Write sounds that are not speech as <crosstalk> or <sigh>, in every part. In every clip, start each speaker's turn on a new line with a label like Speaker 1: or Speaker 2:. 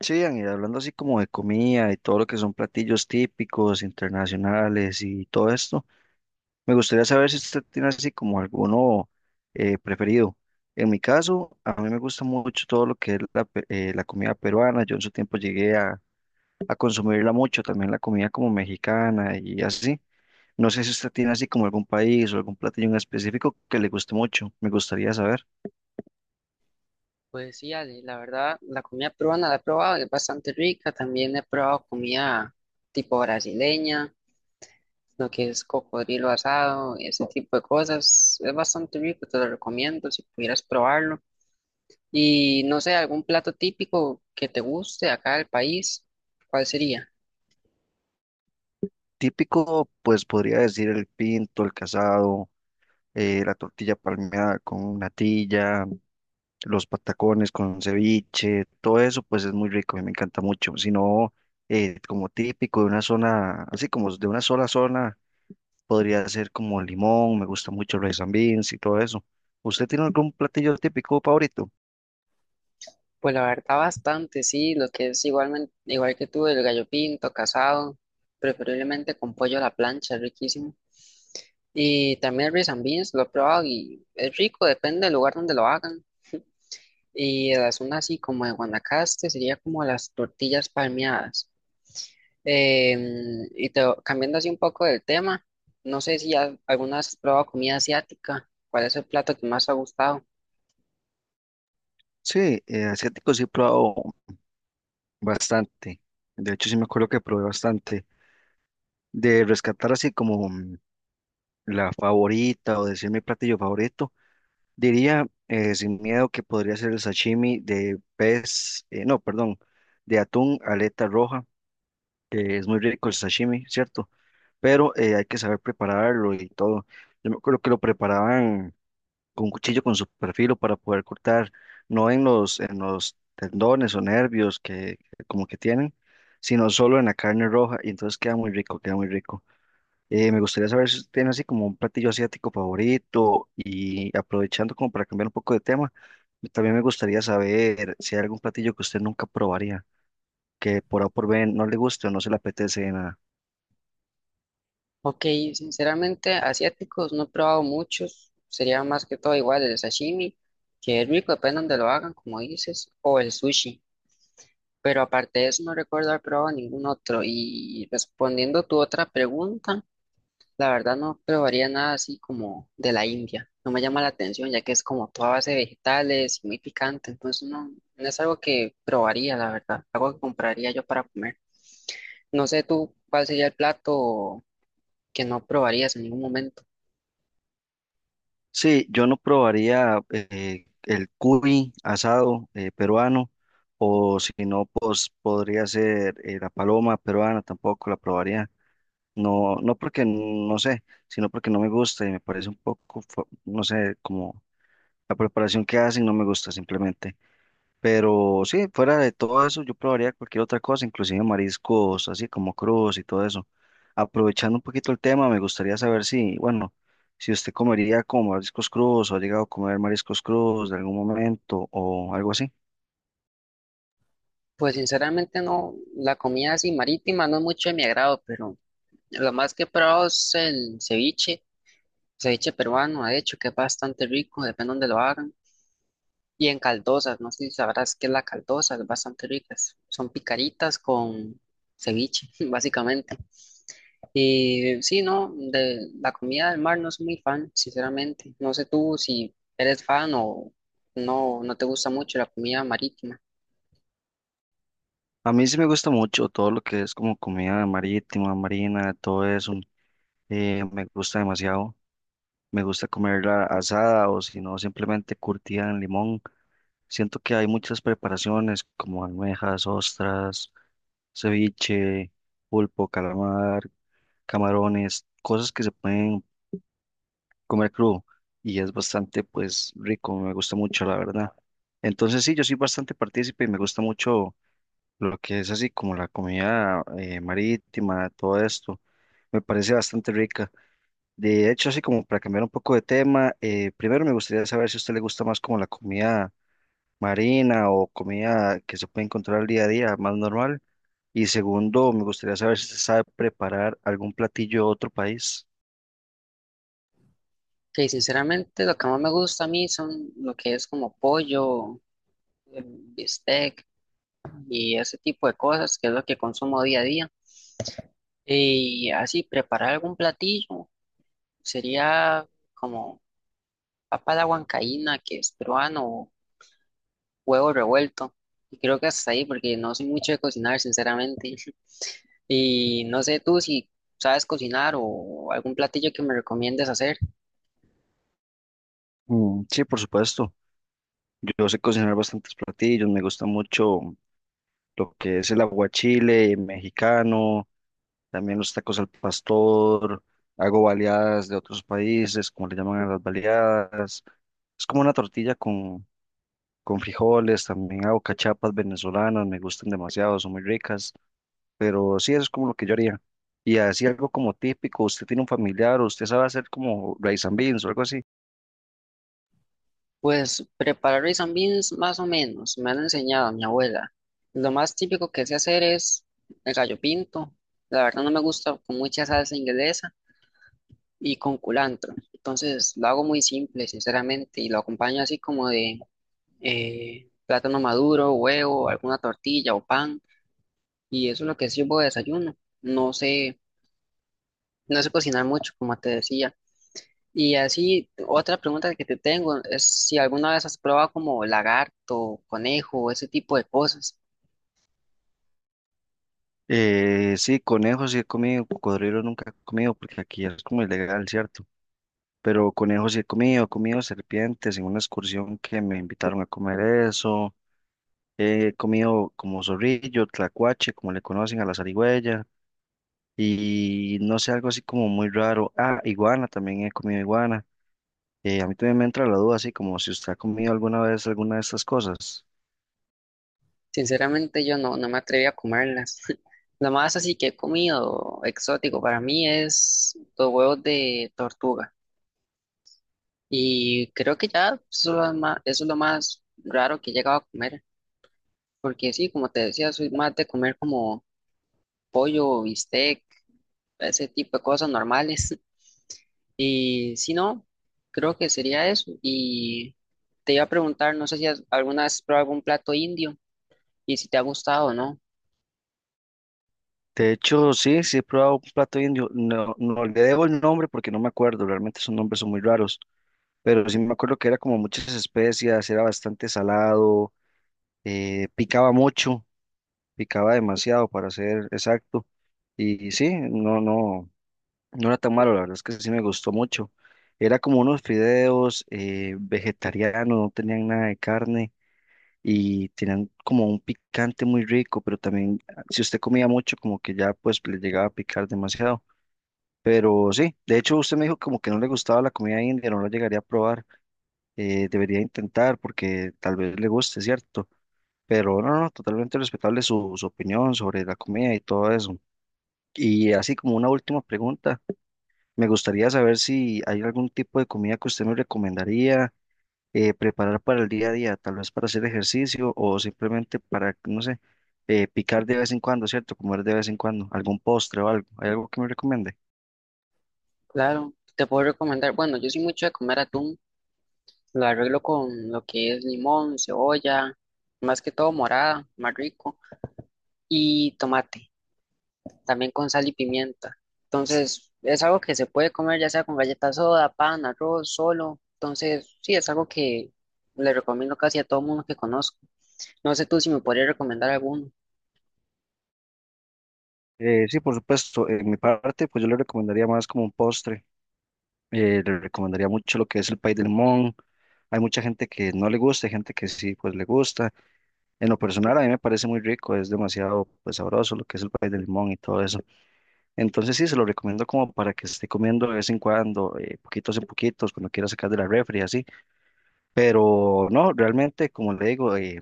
Speaker 1: Sí, Ian, y hablando así como de comida y todo lo que son platillos típicos, internacionales y todo esto, me gustaría saber si usted tiene así como alguno preferido. En mi caso, a mí me gusta mucho todo lo que es la comida peruana. Yo en su tiempo llegué a consumirla mucho, también la comida como mexicana y así. No sé si usted tiene así como algún país o algún platillo en específico que le guste mucho. Me gustaría saber.
Speaker 2: Pues sí, Ale, la verdad, la comida peruana la he probado, es bastante rica. También he probado comida tipo brasileña, lo que es cocodrilo asado, ese tipo de cosas. Es bastante rico, te lo recomiendo si pudieras probarlo. Y no sé, algún plato típico que te guste acá del país, ¿cuál sería?
Speaker 1: Típico, pues podría decir el pinto, el casado, la tortilla palmeada con natilla, los patacones con ceviche, todo eso pues es muy rico y me encanta mucho. Si no, como típico de una zona, así como de una sola zona, podría ser como limón, me gusta mucho el rice and beans y todo eso. ¿Usted tiene algún platillo típico favorito?
Speaker 2: Pues la verdad bastante, sí, lo que es igualmente, igual que tú, el gallo pinto, casado, preferiblemente con pollo a la plancha, es riquísimo. Y también el rice and beans, lo he probado y es rico, depende del lugar donde lo hagan. Y de la zona así como de Guanacaste sería como las tortillas palmeadas. Cambiando así un poco del tema, no sé si ya alguna vez has probado comida asiática, ¿cuál es el plato que más te ha gustado?
Speaker 1: Sí, asiático sí he probado bastante. De hecho, sí me acuerdo que probé bastante. De rescatar así como la favorita o decir mi platillo favorito. Diría, sin miedo, que podría ser el sashimi de pez, no, perdón, de atún, aleta roja, que es muy rico el sashimi, ¿cierto? Pero hay que saber prepararlo y todo. Yo me acuerdo que lo preparaban con un cuchillo con su perfilo para poder cortar, no en los tendones o nervios que como que tienen, sino solo en la carne roja y entonces queda muy rico, queda muy rico. Me gustaría saber si tienen así como un platillo asiático favorito y aprovechando como para cambiar un poco de tema, también me gustaría saber si hay algún platillo que usted nunca probaría, que por A o por B no le guste o no se le apetece de nada.
Speaker 2: Ok, sinceramente, asiáticos no he probado muchos, sería más que todo igual el sashimi, que es rico, depende donde lo hagan, como dices, o el sushi, pero aparte de eso no recuerdo haber probado ningún otro. Y respondiendo tu otra pregunta, la verdad no probaría nada así como de la India, no me llama la atención, ya que es como toda base de vegetales y muy picante, entonces no, no es algo que probaría, la verdad, algo que compraría yo para comer. No sé tú cuál sería el plato que no probarías en ningún momento.
Speaker 1: Sí, yo no probaría, el cuy asado, peruano o si no, pues podría ser, la paloma peruana, tampoco la probaría. No, no porque no sé, sino porque no me gusta y me parece un poco, no sé, como la preparación que hacen no me gusta simplemente. Pero sí, fuera de todo eso, yo probaría cualquier otra cosa, inclusive mariscos, así como crudos y todo eso. Aprovechando un poquito el tema, me gustaría saber si, bueno, si usted comería como mariscos crudos o ha llegado a comer mariscos crudos de algún momento o algo así.
Speaker 2: Pues sinceramente no, la comida así marítima no es mucho de mi agrado, pero lo más que he probado es el ceviche, ceviche peruano, de hecho, que es bastante rico, depende donde lo hagan. Y en caldosas, no sé si sabrás qué es la caldosa, es bastante ricas. Son picaritas con ceviche, <laughs> básicamente. Y sí, no, de la comida del mar no soy muy fan, sinceramente. No sé tú si eres fan o no, no te gusta mucho la comida marítima.
Speaker 1: A mí sí me gusta mucho todo lo que es como comida marítima, marina, todo eso. Me gusta demasiado. Me gusta comerla asada o si no, simplemente curtida en limón. Siento que hay muchas preparaciones como almejas, ostras, ceviche, pulpo, calamar, camarones, cosas que se pueden comer crudo y es bastante pues rico, me gusta mucho la verdad. Entonces sí, yo soy bastante partícipe y me gusta mucho lo que es así como la comida, marítima, todo esto. Me parece bastante rica. De hecho, así como para cambiar un poco de tema, primero me gustaría saber si a usted le gusta más como la comida marina o comida que se puede encontrar al día a día, más normal. Y segundo, me gustaría saber si se sabe preparar algún platillo de otro país.
Speaker 2: Que sinceramente lo que más me gusta a mí son lo que es como pollo, bistec y ese tipo de cosas, que es lo que consumo día a día. Y así, preparar algún platillo sería como papa a la huancaína, que es peruano, o huevo revuelto. Y creo que hasta ahí, porque no soy mucho de cocinar, sinceramente. <laughs> Y no sé tú si sabes cocinar o algún platillo que me recomiendes hacer.
Speaker 1: Mm, sí, por supuesto. Yo sé cocinar bastantes platillos, me gusta mucho lo que es el aguachile mexicano, también los tacos al pastor, hago baleadas de otros países, como le llaman a las baleadas. Es como una tortilla con frijoles, también hago cachapas venezolanas, me gustan demasiado, son muy ricas. Pero sí, eso es como lo que yo haría. Y así algo como típico, usted tiene un familiar, o usted sabe hacer como rice and beans o algo así.
Speaker 2: Pues preparar rice and beans más o menos, me han enseñado mi abuela. Lo más típico que sé hacer es el gallo pinto. La verdad no me gusta con mucha salsa inglesa y con culantro. Entonces lo hago muy simple, sinceramente, y lo acompaño así como de plátano maduro, huevo, alguna tortilla o pan. Y eso es lo que sirvo de desayuno. No sé, no sé cocinar mucho, como te decía. Y así, otra pregunta que te tengo es si alguna vez has probado como lagarto, conejo, ese tipo de cosas.
Speaker 1: Sí, conejos sí he comido, cocodrilos nunca he comido porque aquí es como ilegal, ¿cierto? Pero conejos sí he comido serpientes en una excursión que me invitaron a comer eso. He comido como zorrillo, tlacuache, como le conocen a la zarigüeya. Y no sé, algo así como muy raro. Ah, iguana, también he comido iguana. A mí también me entra la duda, así como si usted ha comido alguna vez alguna de estas cosas.
Speaker 2: Sinceramente yo no, no me atreví a comerlas. <laughs> Lo más así que he comido exótico para mí es los huevos de tortuga. Y creo que ya eso es lo más, eso es lo más raro que he llegado a comer. Porque sí, como te decía, soy más de comer como pollo, bistec ese tipo de cosas normales. <laughs> Y si no, creo que sería eso. Y te iba a preguntar, no sé si alguna vez has probado algún plato indio y si te ha gustado o no.
Speaker 1: De hecho, sí, sí he probado un plato indio. No, no le debo el nombre porque no me acuerdo, realmente esos nombres son muy raros, pero sí me acuerdo que era como muchas especias, era bastante salado, picaba mucho, picaba demasiado para ser exacto. Y sí, no, no, no era tan malo, la verdad es que sí me gustó mucho. Era como unos fideos, vegetarianos, no tenían nada de carne y tenían como un picante muy rico, pero también ah, si usted comía mucho, como que ya pues le llegaba a picar demasiado. Pero sí, de hecho usted me dijo como que no le gustaba la comida india, no la llegaría a probar, debería intentar porque tal vez le guste, ¿cierto? Pero no, no, no, totalmente respetable su, su opinión sobre la comida y todo eso. Y así como una última pregunta, me gustaría saber si hay algún tipo de comida que usted me recomendaría preparar para el día a día, tal vez para hacer ejercicio o simplemente para, no sé, picar de vez en cuando, ¿cierto? Comer de vez en cuando, algún postre o algo. ¿Hay algo que me recomiende?
Speaker 2: Claro, te puedo recomendar. Bueno, yo soy mucho de comer atún. Lo arreglo con lo que es limón, cebolla, más que todo morada, más rico, y tomate. También con sal y pimienta. Entonces, es algo que se puede comer ya sea con galletas soda, pan, arroz, solo. Entonces, sí, es algo que le recomiendo casi a todo mundo que conozco. No sé tú si me podrías recomendar alguno.
Speaker 1: Sí, por supuesto. En mi parte, pues yo le recomendaría más como un postre. Le recomendaría mucho lo que es el pay de limón. Hay mucha gente que no le gusta, hay gente que sí, pues le gusta. En lo personal, a mí me parece muy rico, es demasiado, pues, sabroso lo que es el pay de limón y todo eso. Entonces sí, se lo recomiendo como para que esté comiendo de vez en cuando, poquitos en poquitos, cuando quiera sacar de la refri, así. Pero no, realmente, como le digo,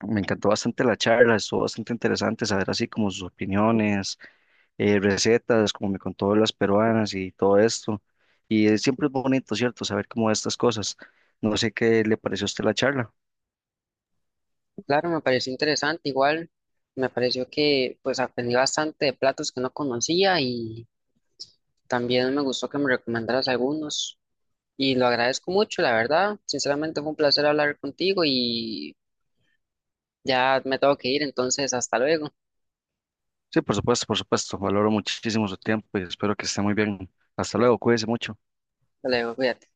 Speaker 1: me encantó bastante la charla, estuvo bastante interesante saber así como sus opiniones, recetas, como me contó las peruanas y todo esto. Y siempre es bonito, ¿cierto? Saber cómo estas cosas. No sé qué le pareció a usted la charla.
Speaker 2: Claro, me pareció interesante. Igual me pareció que pues aprendí bastante de platos que no conocía y también me gustó que me recomendaras algunos. Y lo agradezco mucho, la verdad. Sinceramente fue un placer hablar contigo y ya me tengo que ir, entonces hasta luego.
Speaker 1: Sí, por supuesto, por supuesto. Valoro muchísimo su tiempo y espero que esté muy bien. Hasta luego, cuídese mucho.
Speaker 2: Hasta luego, cuídate.